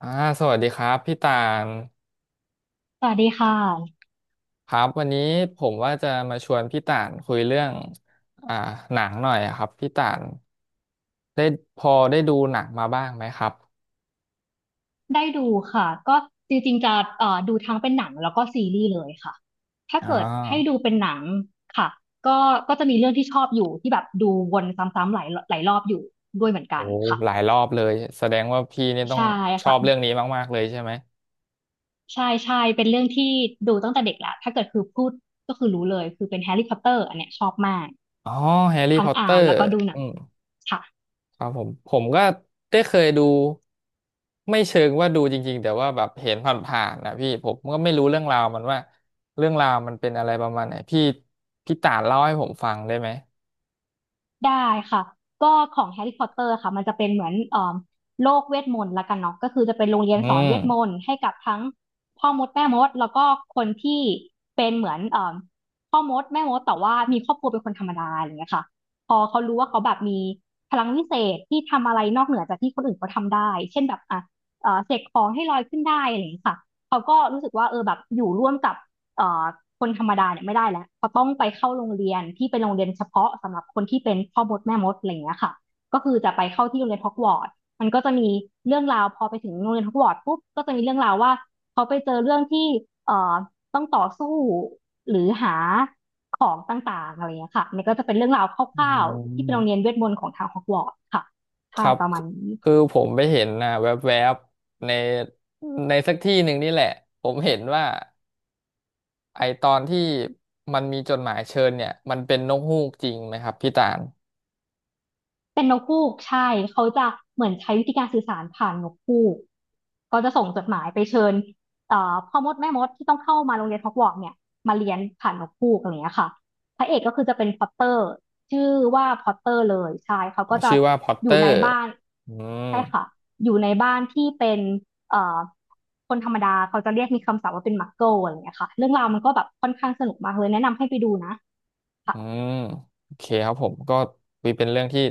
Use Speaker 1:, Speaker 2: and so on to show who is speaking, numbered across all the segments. Speaker 1: อ่าสวัสดีครับพี่ตาน
Speaker 2: สวัสดีค่ะ
Speaker 1: ครับวันนี้ผมว่าจะมาชวนพี่ตานคุยเรื่องอ่าหนังหน่อยอะครับพี่ตานได้พอได้ดูหนังมาบ้างไหมครับ
Speaker 2: ได้ดูค่ะก็จริงๆจะดูทั้งเป็นหนังแล้วก็ซีรีส์เลยค่ะถ้า
Speaker 1: อ่อ
Speaker 2: เกิดให้ดูเป็นหนังค่ะก็จะมีเรื่องที่ชอบอยู่ที่แบบดูวนซ้ำๆหลายรอบอยู่ด้วยเหมือนกั
Speaker 1: โอ้
Speaker 2: นค่ะ
Speaker 1: หลายรอบเลยแสดงว่าพี่เนี่ยต้อง
Speaker 2: ใช่
Speaker 1: ชอ
Speaker 2: ค่ะ
Speaker 1: บเรื่องนี้มากๆเลยใช่ไหม
Speaker 2: ใช่ใช่เป็นเรื่องที่ดูตั้งแต่เด็กแล้วถ้าเกิดคือพูดก็คือรู้เลยคือเป็นแฮร์รี่พอตเตอร์อันเนี้ยชอบมาก
Speaker 1: อ๋อแฮร์รี่
Speaker 2: ทั้
Speaker 1: พ
Speaker 2: ง
Speaker 1: อตเตอ
Speaker 2: อ่าน
Speaker 1: ร์
Speaker 2: แล้วก็ดูหนั
Speaker 1: อื
Speaker 2: ง
Speaker 1: ม
Speaker 2: ค่ะ
Speaker 1: ครับผมผมก็ได้เคยดูไม่เชิงว่าดูจริงๆแต่ว่าแบบเห็นผ่านๆนะพี่ผมก็ไม่รู้เรื่องราวมันว่าเรื่องราวมันเป็นอะไรประมาณไหนพี่ต่านเล่าให้ผมฟังได้ไหม
Speaker 2: ได้ค่ะก็ของแฮร์รี่พอตเตอร์ค่ะมันจะเป็นเหมือนโลกเวทมนต์ละกันเนาะก็คือจะเป็นโรงเรียน
Speaker 1: อื
Speaker 2: สอนเวทม
Speaker 1: ม
Speaker 2: นต์ให้กับทั้งพ่อมดแม่มดแล้วก็คนที่เป็นเหมือนพ่อมดแม่มดแต่ว่ามีครอบครัวเป็นคนธรรมดาอย่างเงี้ยค่ะพอเขารู้ว่าเขาแบบมีพลังวิเศษที่ทำอะไรนอกเหนือจากที่คนอื่นเขาทำได้เช่นแบบอ่ะเสกของให้ลอยขึ้นได้อะไรอย่างเงี้ยค่ะเขาก็รู้สึกว่าเออแบบอยู่ร่วมกับ เอ่อคนธรรมดาเนี่ยไม่ได้แล้วเขาต้องไปเข้าโรงเรียนที่เป็นโรงเรียนเฉพาะสำหรับคนที่เป็นพ่อมดแม่มดอะไรอย่างเงี้ยค่ะก็คือจะไปเข้าที่โรงเรียนฮอกวอตส์มันก็จะมีเรื่องราวพอไปถึงโรงเรียนฮอกวอตส์ปุ๊บก็จะมีเรื่องราวว่าเขาไปเจอเรื่องที่เอ่อต้องต่อสู้หรือหาของต่างๆอะไรอย่างเงี้ยค่ะมันก็จะเป็นเรื่องราวค
Speaker 1: อื
Speaker 2: ร่าวๆที่เป็นโรง
Speaker 1: ม
Speaker 2: เรียนเวทมนต์ของทางฮอกวอตส์ค่ะ
Speaker 1: ค
Speaker 2: ใช่
Speaker 1: รับ
Speaker 2: ประ
Speaker 1: ค
Speaker 2: มาณนี้
Speaker 1: คือผมไปเห็นนะแวบๆในในสักที่หนึ่งนี่แหละผมเห็นว่าไอตอนที่มันมีจดหมายเชิญเนี่ยมันเป็นนกฮูกจริงไหมครับพี่ตาล
Speaker 2: เป็นนกฮูกใช่เขาจะเหมือนใช้วิธีการสื่อสารผ่านนกฮูกก็จะส่งจดหมายไปเชิญพ่อมดแม่มดที่ต้องเข้ามาโรงเรียนฮอกวอตส์เนี่ยมาเรียนผ่านนกฮูกอะไรอย่างเงี้ยค่ะพระเอกก็คือจะเป็นพอตเตอร์ชื่อว่าพอตเตอร์เลยใช่เขา
Speaker 1: อ๋อ
Speaker 2: ก็จะ
Speaker 1: ชื่อว่าพอต
Speaker 2: อ
Speaker 1: เตอ
Speaker 2: ยู่ใน
Speaker 1: ร์
Speaker 2: บ้าน
Speaker 1: อืม
Speaker 2: ใช่ค่ะอยู่ในบ้านที่เป็นเอ่อคนธรรมดาเขาจะเรียกมีคำศัพท์ว่าเป็นมักเกิลอะไรอย่างเงี้ยค่ะเรื่องราวมันก็แบบค่อนข้างสนุกมากเลยแนะนำให้ไปดูนะค่ะ
Speaker 1: อืมโอเคครับผมก็เป็นเรื่องที่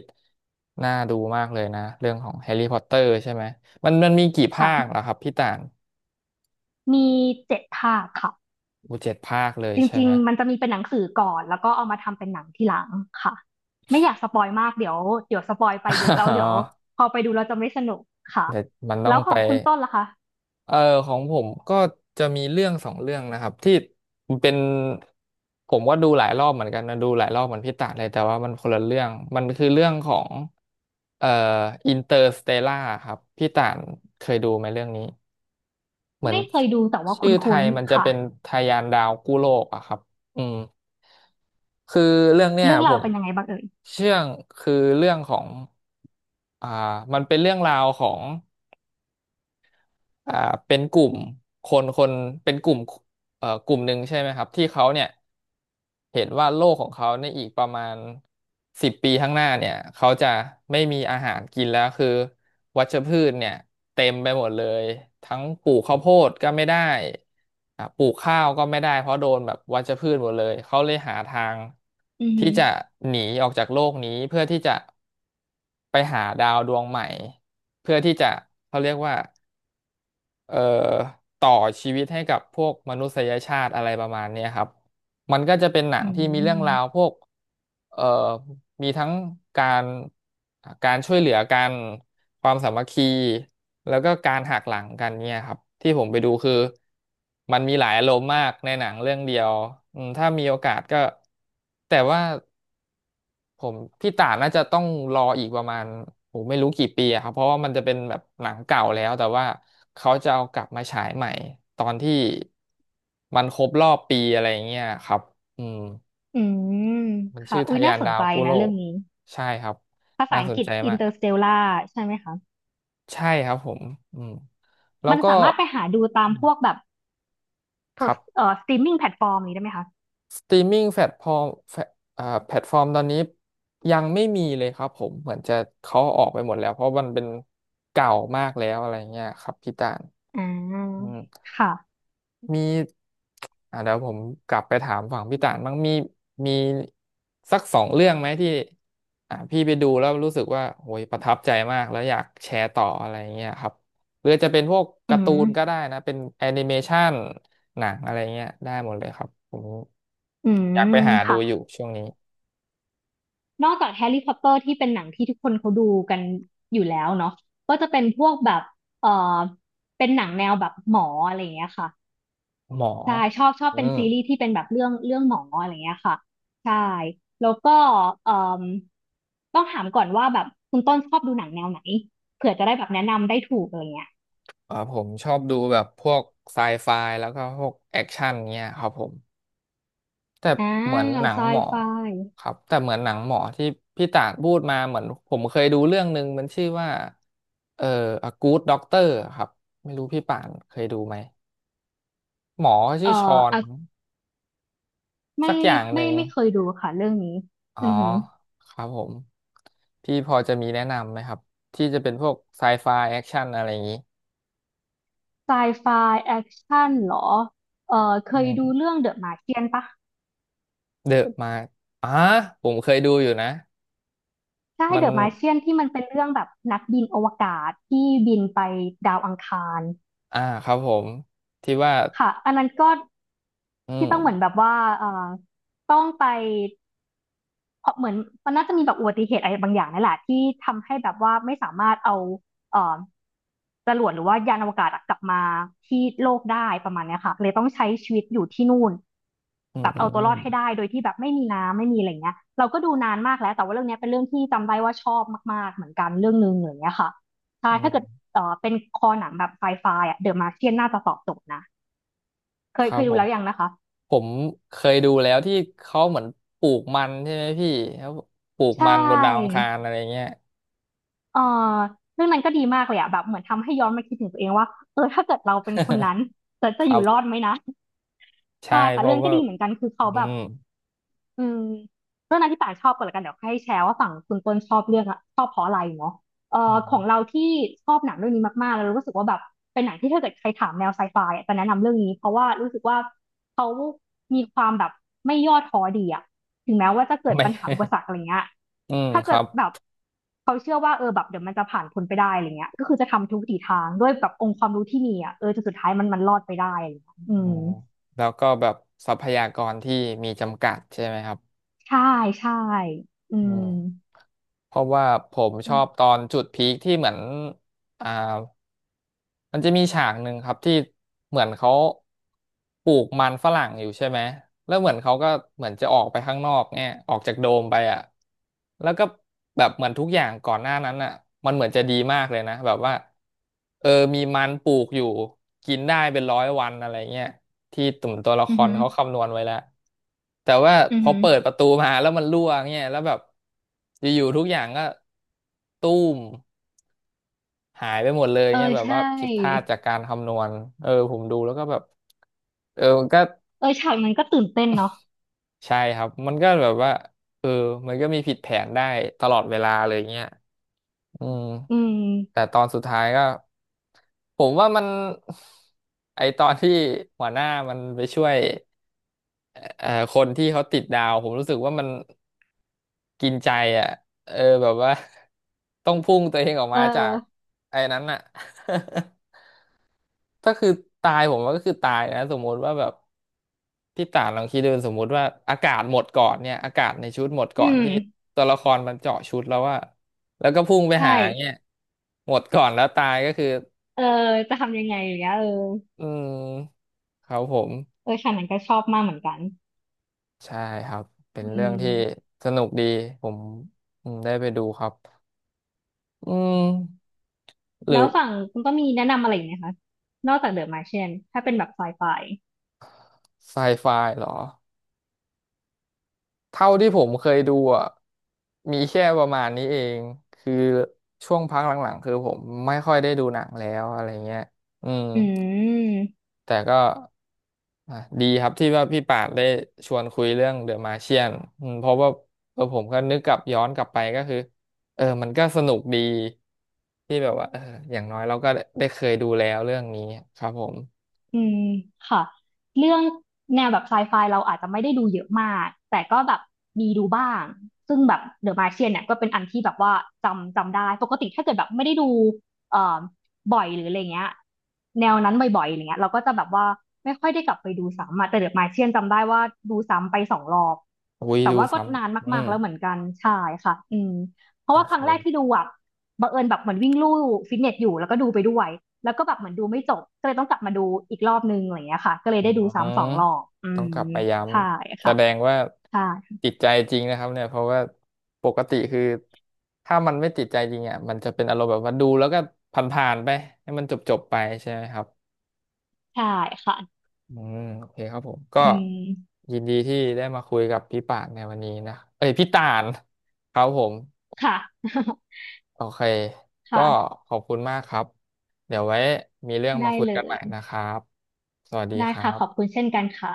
Speaker 1: น่าดูมากเลยนะเรื่องของแฮร์รี่พอตเตอร์ใช่ไหมมันมีกี่ภาคเหรอ
Speaker 2: ค่ะ
Speaker 1: ครับพี่ต่าง
Speaker 2: มี7 ภาคค่ะ
Speaker 1: อูเจ็ดภาคเลย
Speaker 2: จ
Speaker 1: ใช่
Speaker 2: ริ
Speaker 1: ไห
Speaker 2: ง
Speaker 1: ม
Speaker 2: ๆ มันจะมีเป็นหนังสือก่อนแล้วก็เอามาทำเป็นหนังทีหลังค่ะไม่อยากสปอยมากเดี๋ยวสปอยไป
Speaker 1: อ๋
Speaker 2: เยอะแล้ว เดี๋ยว
Speaker 1: อ
Speaker 2: พอไปดูเราจะไม่สนุกค่ะ
Speaker 1: แต่มันต้อ
Speaker 2: แล้
Speaker 1: ง
Speaker 2: วข
Speaker 1: ไป
Speaker 2: องคุณต้นล่ะคะ
Speaker 1: เออของผมก็จะมีเรื่องสองเรื่องนะครับที่เป็นผมก็ดูหลายรอบเหมือนกันนะดูหลายรอบเหมือนพี่ต่างเลยแต่ว่ามันคนละเรื่องมันคือเรื่องของเอ่ออินเตอร์สเตลล่าครับพี่ต่างเคยดูไหมเรื่องนี้ เหมือน
Speaker 2: ไม่เคยดูแต่ว่า
Speaker 1: ชื่อไท
Speaker 2: คุ้น
Speaker 1: ยมัน
Speaker 2: ๆ
Speaker 1: จะ
Speaker 2: ค่ะ
Speaker 1: เป็นทะยานดาวกู้โลกอะครับอืมคือเรื่องเนี้ย
Speaker 2: เรื่อง
Speaker 1: ผ
Speaker 2: ราว
Speaker 1: ม
Speaker 2: เป็นยังไงบ้างเอ่ย
Speaker 1: เชื่องคือเรื่องของอ่ามันเป็นเรื่องราวของ อ่าเป็นกลุ่มคนเป็นกลุ่มกลุ่มหนึ่งใช่ไหมครับที่เขาเนี่ยเห็นว่าโลกของเขาในอีกประมาณ10 ปีข้างหน้าเนี่ยเขาจะไม่มีอาหารกินแล้วคือวัชพืชเนี่ยเต็มไปหมดเลยทั้งปลูกข้าวโพดก็ไม่ได้ปลูกข้าวก็ไม่ได้เพราะโดนแบบวัชพืชหมดเลยเขาเลยหาทาง
Speaker 2: อือ
Speaker 1: ที่
Speaker 2: หือ
Speaker 1: จะหนีออกจากโลกนี้เพื่อที่จะไปหาดาวดวงใหม่เพื่อที่จะเขาเรียกว่า เอ่อต่อชีวิตให้กับพวกมนุษยชาติอะไรประมาณเนี้ยครับมันก็จะเป็นหนั
Speaker 2: อื
Speaker 1: งที่มีเรื่องราว
Speaker 2: ม
Speaker 1: พวกเอ่อมีทั้งการการช่วยเหลือกันความสามัคคีแล้วก็การหักหลังกันเนี่ยครับที่ผมไปดูคือมันมีหลายอารมณ์มากในหนังเรื่องเดียวอืมถ้ามีโอกาสก็แต่ว่า ผมพี่ต่าน่าจะต้องรออีกประมาณโหไม่รู้กี่ปีอะครับเพราะว่ามันจะเป็นแบบหนังเก่าแล้วแต่ว่าเขาจะเอากลับมาฉายใหม่ตอนที่มันครบรอบปีอะไรอย่างเงี้ยครับอืม
Speaker 2: อืม
Speaker 1: มัน
Speaker 2: ค่ะ
Speaker 1: ชื่อ
Speaker 2: อุ้
Speaker 1: ทะ
Speaker 2: ย
Speaker 1: ยา
Speaker 2: น่า
Speaker 1: น
Speaker 2: สน
Speaker 1: ดาว
Speaker 2: ใจ
Speaker 1: กุโล
Speaker 2: นะเรื่อ
Speaker 1: ก
Speaker 2: งนี้
Speaker 1: ใช่ครับ
Speaker 2: ภาษา
Speaker 1: น่า
Speaker 2: อั
Speaker 1: ส
Speaker 2: ง
Speaker 1: น
Speaker 2: กฤษ
Speaker 1: ใจมาก
Speaker 2: Interstellar ใช่ไหมคะ
Speaker 1: ใช่ครับผมอืมแล้ว
Speaker 2: มัน
Speaker 1: ก็
Speaker 2: สามารถไปหาดูตาม
Speaker 1: อื
Speaker 2: พ
Speaker 1: ม
Speaker 2: วกแบบ
Speaker 1: ครับ
Speaker 2: สตรีมมิ่งแพลตฟอร์มนี้ได้ไหมคะ
Speaker 1: สตรีมมิ่งแพลตฟอร์มแฟแพลตฟอร์มตอนนี้ยังไม่มีเลยครับผมเหมือนจะเขาออกไปหมดแล้วเพราะมันเป็นเก่ามากแล้วอะไรเงี้ยครับพี่ตาล
Speaker 2: อ่
Speaker 1: อื
Speaker 2: า
Speaker 1: ม
Speaker 2: ค่ะ
Speaker 1: มีอ่ะเดี๋ยวผมกลับไปถามฝั่งพี่ต่านบ้างมีสักสองเรื่องไหมที่อ่ะพี่ไปดูแล้วรู้สึกว่าโอ้ยประทับใจมากแล้วอยากแชร์ต่ออะไรเงี้ยครับหรือจะเป็นพวก
Speaker 2: อื
Speaker 1: การ์ตู
Speaker 2: ม
Speaker 1: นก็ได้นะเป็นแอนิเมชัน หนังอะไรเงี้ยได้หมดเลยครับผม
Speaker 2: อื
Speaker 1: อยากไป
Speaker 2: ม
Speaker 1: หาดู
Speaker 2: ค่ะ
Speaker 1: อยู่ช่วงนี้
Speaker 2: นอกจากแฮร์รี่พอตเตอร์ที่เป็นหนังที่ทุกคนเขาดูกันอยู่แล้วเนาะก็จะเป็นพวกแบบเออเป็นหนังแนวแบบหมออะไรอย่างเงี้ยค่ะ
Speaker 1: หมอ
Speaker 2: ใช่ชอบ
Speaker 1: อื
Speaker 2: เป็น
Speaker 1: ม
Speaker 2: ซีรีส์ที่เป็นแบบเรื่องหมออะไรอย่างเงี้ยค่ะใช่แล้วก็เอ่มต้องถามก่อนว่าแบบคุณต้นชอบดูหนังแนวไหนเผื่อจะได้แบบแนะนำได้ถูกอะไรเงี้ย
Speaker 1: เออผมชอบดูแบบพวกไซไฟแล้วก็พวกแอคชั่นเงี้ยครับผมแต่
Speaker 2: อ่า
Speaker 1: เหมือนหนัง
Speaker 2: ไซ
Speaker 1: หมอ
Speaker 2: ไฟ
Speaker 1: ครับแต่เหมือนหนังหมอที่พี่ต่างพูดมาเหมือนผมเคยดูเรื่องหนึ่งมันชื่อว่าเอ่อ A Good Doctor ครับไม่รู้พี่ป่านเคยดูไหมหมอชื่
Speaker 2: เอ่อ
Speaker 1: อชอน
Speaker 2: อ่ะ
Speaker 1: สั
Speaker 2: ไม่
Speaker 1: กอย่างหนึ่ง
Speaker 2: ไม่เคยดูค่ะเรื่องนี้
Speaker 1: อ๋อ
Speaker 2: อือหือ
Speaker 1: ครับผมพี่พอจะมีแนะนำไหมครับที่จะเป็นพวกไซไฟแอคชั่นอะไรอย่างนี้
Speaker 2: ไซไฟแอคชั่นเหรอเออเค
Speaker 1: อื
Speaker 2: ยดู
Speaker 1: ม
Speaker 2: เรื่อง The Martian ปะ
Speaker 1: เดอะมาอ่าผมเคยดูอยู่นะ
Speaker 2: ใช่
Speaker 1: มั
Speaker 2: เด
Speaker 1: น
Speaker 2: อะมาเชียนที่มันเป็นเรื่องแบบนักบินอวกาศที่บินไปดาวอังคาร
Speaker 1: อ่าครับผมที่ว่า
Speaker 2: ค่ะอันนั้นก็
Speaker 1: อื
Speaker 2: ที่ต้องเหมือนแบ
Speaker 1: ม
Speaker 2: บว่าเออต้องไปเพราะเหมือนมันน่าจะมีแบบอุบัติเหตุอะไรบางอย่างนั่นแหละที่ทำให้แบบว่าไม่สามารถเอาเออจรวดหรือว่ายานอวกาศอะกลับมาที่โลกได้ประมาณเนี้ยค่ะเลยต้องใช้ชีวิตอยู่ที่นู่น
Speaker 1: อื
Speaker 2: แบ
Speaker 1: ม
Speaker 2: บ
Speaker 1: อื
Speaker 2: เอา
Speaker 1: ม
Speaker 2: ตั
Speaker 1: อื
Speaker 2: วร
Speaker 1: ม
Speaker 2: อดให้ได้โดยที่แบบไม่มีน้ำไม่มีอะไรเงี้ยเราก็ดูนานมากแล้วแต่ว่าเรื่องเนี้ยเป็นเรื่องที่จำได้ว่าชอบมากๆเหมือนกันเรื่องนึงอะไรเงี้ยค่ะใช่
Speaker 1: อื
Speaker 2: ถ้าเกิด
Speaker 1: ม
Speaker 2: เป็นคอหนังแบบไฟไฟอ่ะเดอะมาร์เชียนน่าจะตอบโจทย์นะ
Speaker 1: ครั
Speaker 2: เค
Speaker 1: บ
Speaker 2: ยดู
Speaker 1: ผม
Speaker 2: แล้วยังนะคะ
Speaker 1: ผมเคยดูแล้วที่เขาเหมือนปลูกมันใช่ไหมพี่แล้วปลูก
Speaker 2: ใช
Speaker 1: มันบนดาวอั
Speaker 2: ่
Speaker 1: งคารอะไรเงี้ย
Speaker 2: เอ่อเรื่องนั้นก็ดีมากเลยอะแบบเหมือนทำให้ย้อนมาคิดถึงตัวเองว่าเออถ้าเกิดเราเป็นคนนั้ น
Speaker 1: ค
Speaker 2: จะอ
Speaker 1: รั
Speaker 2: ยู่รอ
Speaker 1: บ
Speaker 2: ดไหมนะ
Speaker 1: ใช่
Speaker 2: ใช่ค่ะ
Speaker 1: เพ
Speaker 2: เรื่
Speaker 1: ราะ
Speaker 2: องก็
Speaker 1: ว่า
Speaker 2: ดีเหมือนกันคือเขา
Speaker 1: อื
Speaker 2: แบบ
Speaker 1: ม
Speaker 2: อืมเรื่องนั้นที่ป่าชอบก่อนละกันเดี๋ยวให้แชร์ว่าฝั่งคุณต้นชอบเรื่องอะชอบเพราะอะไรเนาะเอ่อ
Speaker 1: อื
Speaker 2: ข
Speaker 1: ม
Speaker 2: องเราที่ชอบหนังเรื่องนี้มากๆแล้วรู้สึกว่าแบบเป็นหนังที่ถ้าเกิดใครถามแนวไซไฟอะจะแนะนำเรื่องนี้เพราะว่ารู้สึกว่าเขามีความแบบไม่ย่อท้อดีอะถึงแม้ว่าจะเกิ ด
Speaker 1: ไม่
Speaker 2: ปัญหาอุปสรรคอะไรเงี้ย
Speaker 1: อืม
Speaker 2: ถ้า
Speaker 1: ค
Speaker 2: เกิ
Speaker 1: รั
Speaker 2: ด
Speaker 1: บ
Speaker 2: แบบเขาเชื่อว่าเออแบบเดี๋ยวมันจะผ่านพ้นไปได้อะไรเงี้ยก็คือจะทำทุกวิถีทางด้วยแบบองค์ความรู้ที่มีอะเออจนสุดท้ายมันรอดไปได้อะไรเงี้ยอื
Speaker 1: อ๋อ
Speaker 2: ม
Speaker 1: แล้วก็แบบทรัพยากรที่มีจำกัดใช่ไหมครับ
Speaker 2: ใช่ใช่อื
Speaker 1: อื
Speaker 2: ม
Speaker 1: มเพราะว่าผมชอบตอนจุดพีคที่เหมือนอ่ามันจะมีฉากหนึ่งครับที่เหมือนเขาปลูกมันฝรั่งอยู่ใช่ไหมแล้วเหมือนเขาก็เหมือนจะออกไปข้างนอกเนี่ยออกจากโดมไปอ่ะแล้วก็แบบเหมือนทุกอย่างก่อนหน้านั้นอ่ะมันเหมือนจะดีมากเลยนะแบบว่า เออมีมันปลูกอยู่กินได้เป็นร้อยวันอะไรเงี้ยที่ตุ่มตัวละค
Speaker 2: อือ
Speaker 1: ร
Speaker 2: หือ
Speaker 1: เขาคำนวณไว้แล้วแต่ว่า
Speaker 2: อื
Speaker 1: พ
Speaker 2: อ
Speaker 1: อ
Speaker 2: หือ
Speaker 1: เปิดประตูมาแล้วมันรั่วเงี้ยแล้วแบบอยู่ๆทุกอย่างก็ตู้มหายไปหมดเลย
Speaker 2: เออ
Speaker 1: เงี้ยแบบ
Speaker 2: ใช่
Speaker 1: ว่าผิดพลาดจากการคำนวณผมดูแล้วก็แบบมันก็
Speaker 2: เออฉากนั้นก็ตื่นเต้นเนาะ
Speaker 1: ใช่ครับมันก็แบบว่าเออมันก็มีผิดแผนได้ตลอดเวลาเลยเงี้ยอืม
Speaker 2: อื
Speaker 1: แต่
Speaker 2: ม
Speaker 1: ตอนสุดท้ายก็ ผมว่ามัน ไอตอนที่หัวหน้ามันไปช่วยเอ่อคนที่เขาติดดาวผมรู้สึกว่ามันกินใจอ่ะเออแบบว่า ต้องพุ่งตัวเองออก
Speaker 2: เอ
Speaker 1: มาจาก
Speaker 2: อ
Speaker 1: ไอ้นั้นอ่ะ ถ้าคือตายผมว่าก็คือตายนะสมมติว่าแบบพี่ต่านลองคิดดูสมมติว่าอากาศหมดก่อนเนี่ยอากาศในชุดหมดก่
Speaker 2: อื
Speaker 1: อน
Speaker 2: ม
Speaker 1: ที่ตัวละครมันเจาะชุดแล้วว่าแล้วก็พุ่งไปหา
Speaker 2: ใช่
Speaker 1: เนี่ยหมดก่อนแล้วตายก็คือ
Speaker 2: เออจะทำยังไงอย่างเงี้ยเออ
Speaker 1: อืมครับผม
Speaker 2: เออฉากนั้นก็ชอบมากเหมือนกัน
Speaker 1: ใช่ครับ เป็น
Speaker 2: อื
Speaker 1: เรื่องที่
Speaker 2: ม
Speaker 1: สนุกดี ผมได้ไปดูครับอืมหรื
Speaker 2: แล้
Speaker 1: อ
Speaker 2: วฝั่งคุณก็มีแนะนำอะไรอีกไหมคะนอกจากเดอะมาร์เชียนถ้าเป็นแบบไซไฟ
Speaker 1: ไซไฟเหรอเท่าที่ผมเคยดูอ่ะมีแค่ประมาณนี้เอง คือช่วงพักหลังๆ คือผมไม่ค่อยได้ดูหนังแล้วอะไรเงี้ยอืม
Speaker 2: อืม
Speaker 1: แต่ก็อ่ะดีครับที่ว่าพี่ปาดได้ชวนคุยเรื่องเดอะมาเชียนเพราะว่าผมก็นึกกลับย้อนกลับไปก็คือมันก็สนุกดีที่แบบว่าอย่างน้อยเราก็ได้เคยดูแล้วเรื่องนี้ครับผม
Speaker 2: อืมค่ะเรื่องแนวแบบไซไฟเราอาจจะไม่ได้ดูเยอะมากแต่ก็แบบมีดูบ้างซึ่งแบบเดอะมาร์เชียนเนี่ยก็เป็นอันที่แบบว่าจำได้ปกติถ้าเกิดแบบไม่ได้ดูเอ่อบ่อยหรืออะไรเงี้ยแนวนั้นบ่อยๆอะไรเงี้ยเราก็จะแบบว่าไม่ค่อยได้กลับไปดูซ้ำอะแต่เดอะมาร์เชียนจำได้ว่าดูซ้ำไปสองรอบ
Speaker 1: อุ้ย
Speaker 2: แต่
Speaker 1: ดู
Speaker 2: ว่าก็
Speaker 1: ซ้
Speaker 2: นาน
Speaker 1: ำอื
Speaker 2: มาก
Speaker 1: ม
Speaker 2: ๆแล้วเหมือนกันใช่ค่ะอืมเพราะ
Speaker 1: โอ
Speaker 2: ว่าครั้งแรกที่
Speaker 1: เค
Speaker 2: ดูอะ บังเอิญแบบเหมือนวิ่งลู่ฟิตเนสอยู่แล้วก็ดูไปด้วยแล้วก็แบบเหมือนดูไม่จบก็เลยต้องกลับมาดูอีกรอบนึงอะไรอย่างเงี้ยค่ะก็เลย
Speaker 1: อื
Speaker 2: ได้ดู
Speaker 1: ม
Speaker 2: ซ้ำสองรอบอื
Speaker 1: ต้อง
Speaker 2: ม
Speaker 1: กลับไปย้
Speaker 2: ใช่
Speaker 1: ำแส
Speaker 2: ค่ะ
Speaker 1: ดงว่า
Speaker 2: ใช่
Speaker 1: ติดใจจริงนะครับเนี่ยเพราะว่าปกติคือถ้ามันไม่ติดใจจริงอ่ะมันจะเป็นอารมณ์แบบว่าดูแล้วก็ผ่านๆไปให้มันจบๆไปใช่ไหมครับ
Speaker 2: ใช่ค่ะ
Speaker 1: อืมโอเคครับผมก็
Speaker 2: อืม
Speaker 1: ยินดีที่ได้มาคุยกับพี่ป่านในวันนี้นะเอ้ยพี่ต่านครับผม
Speaker 2: ค่ะ
Speaker 1: โอเค ก็
Speaker 2: ค่ะ
Speaker 1: ขอบคุณมากครับเดี๋ยวไว้มีเรื่อง
Speaker 2: ได้
Speaker 1: มาคุย
Speaker 2: เล
Speaker 1: กันให
Speaker 2: ย
Speaker 1: ม่นะครับสวัสดี
Speaker 2: ได้
Speaker 1: ครั
Speaker 2: ค่ะขอบ
Speaker 1: บ
Speaker 2: คุณเช่นกันค่ะ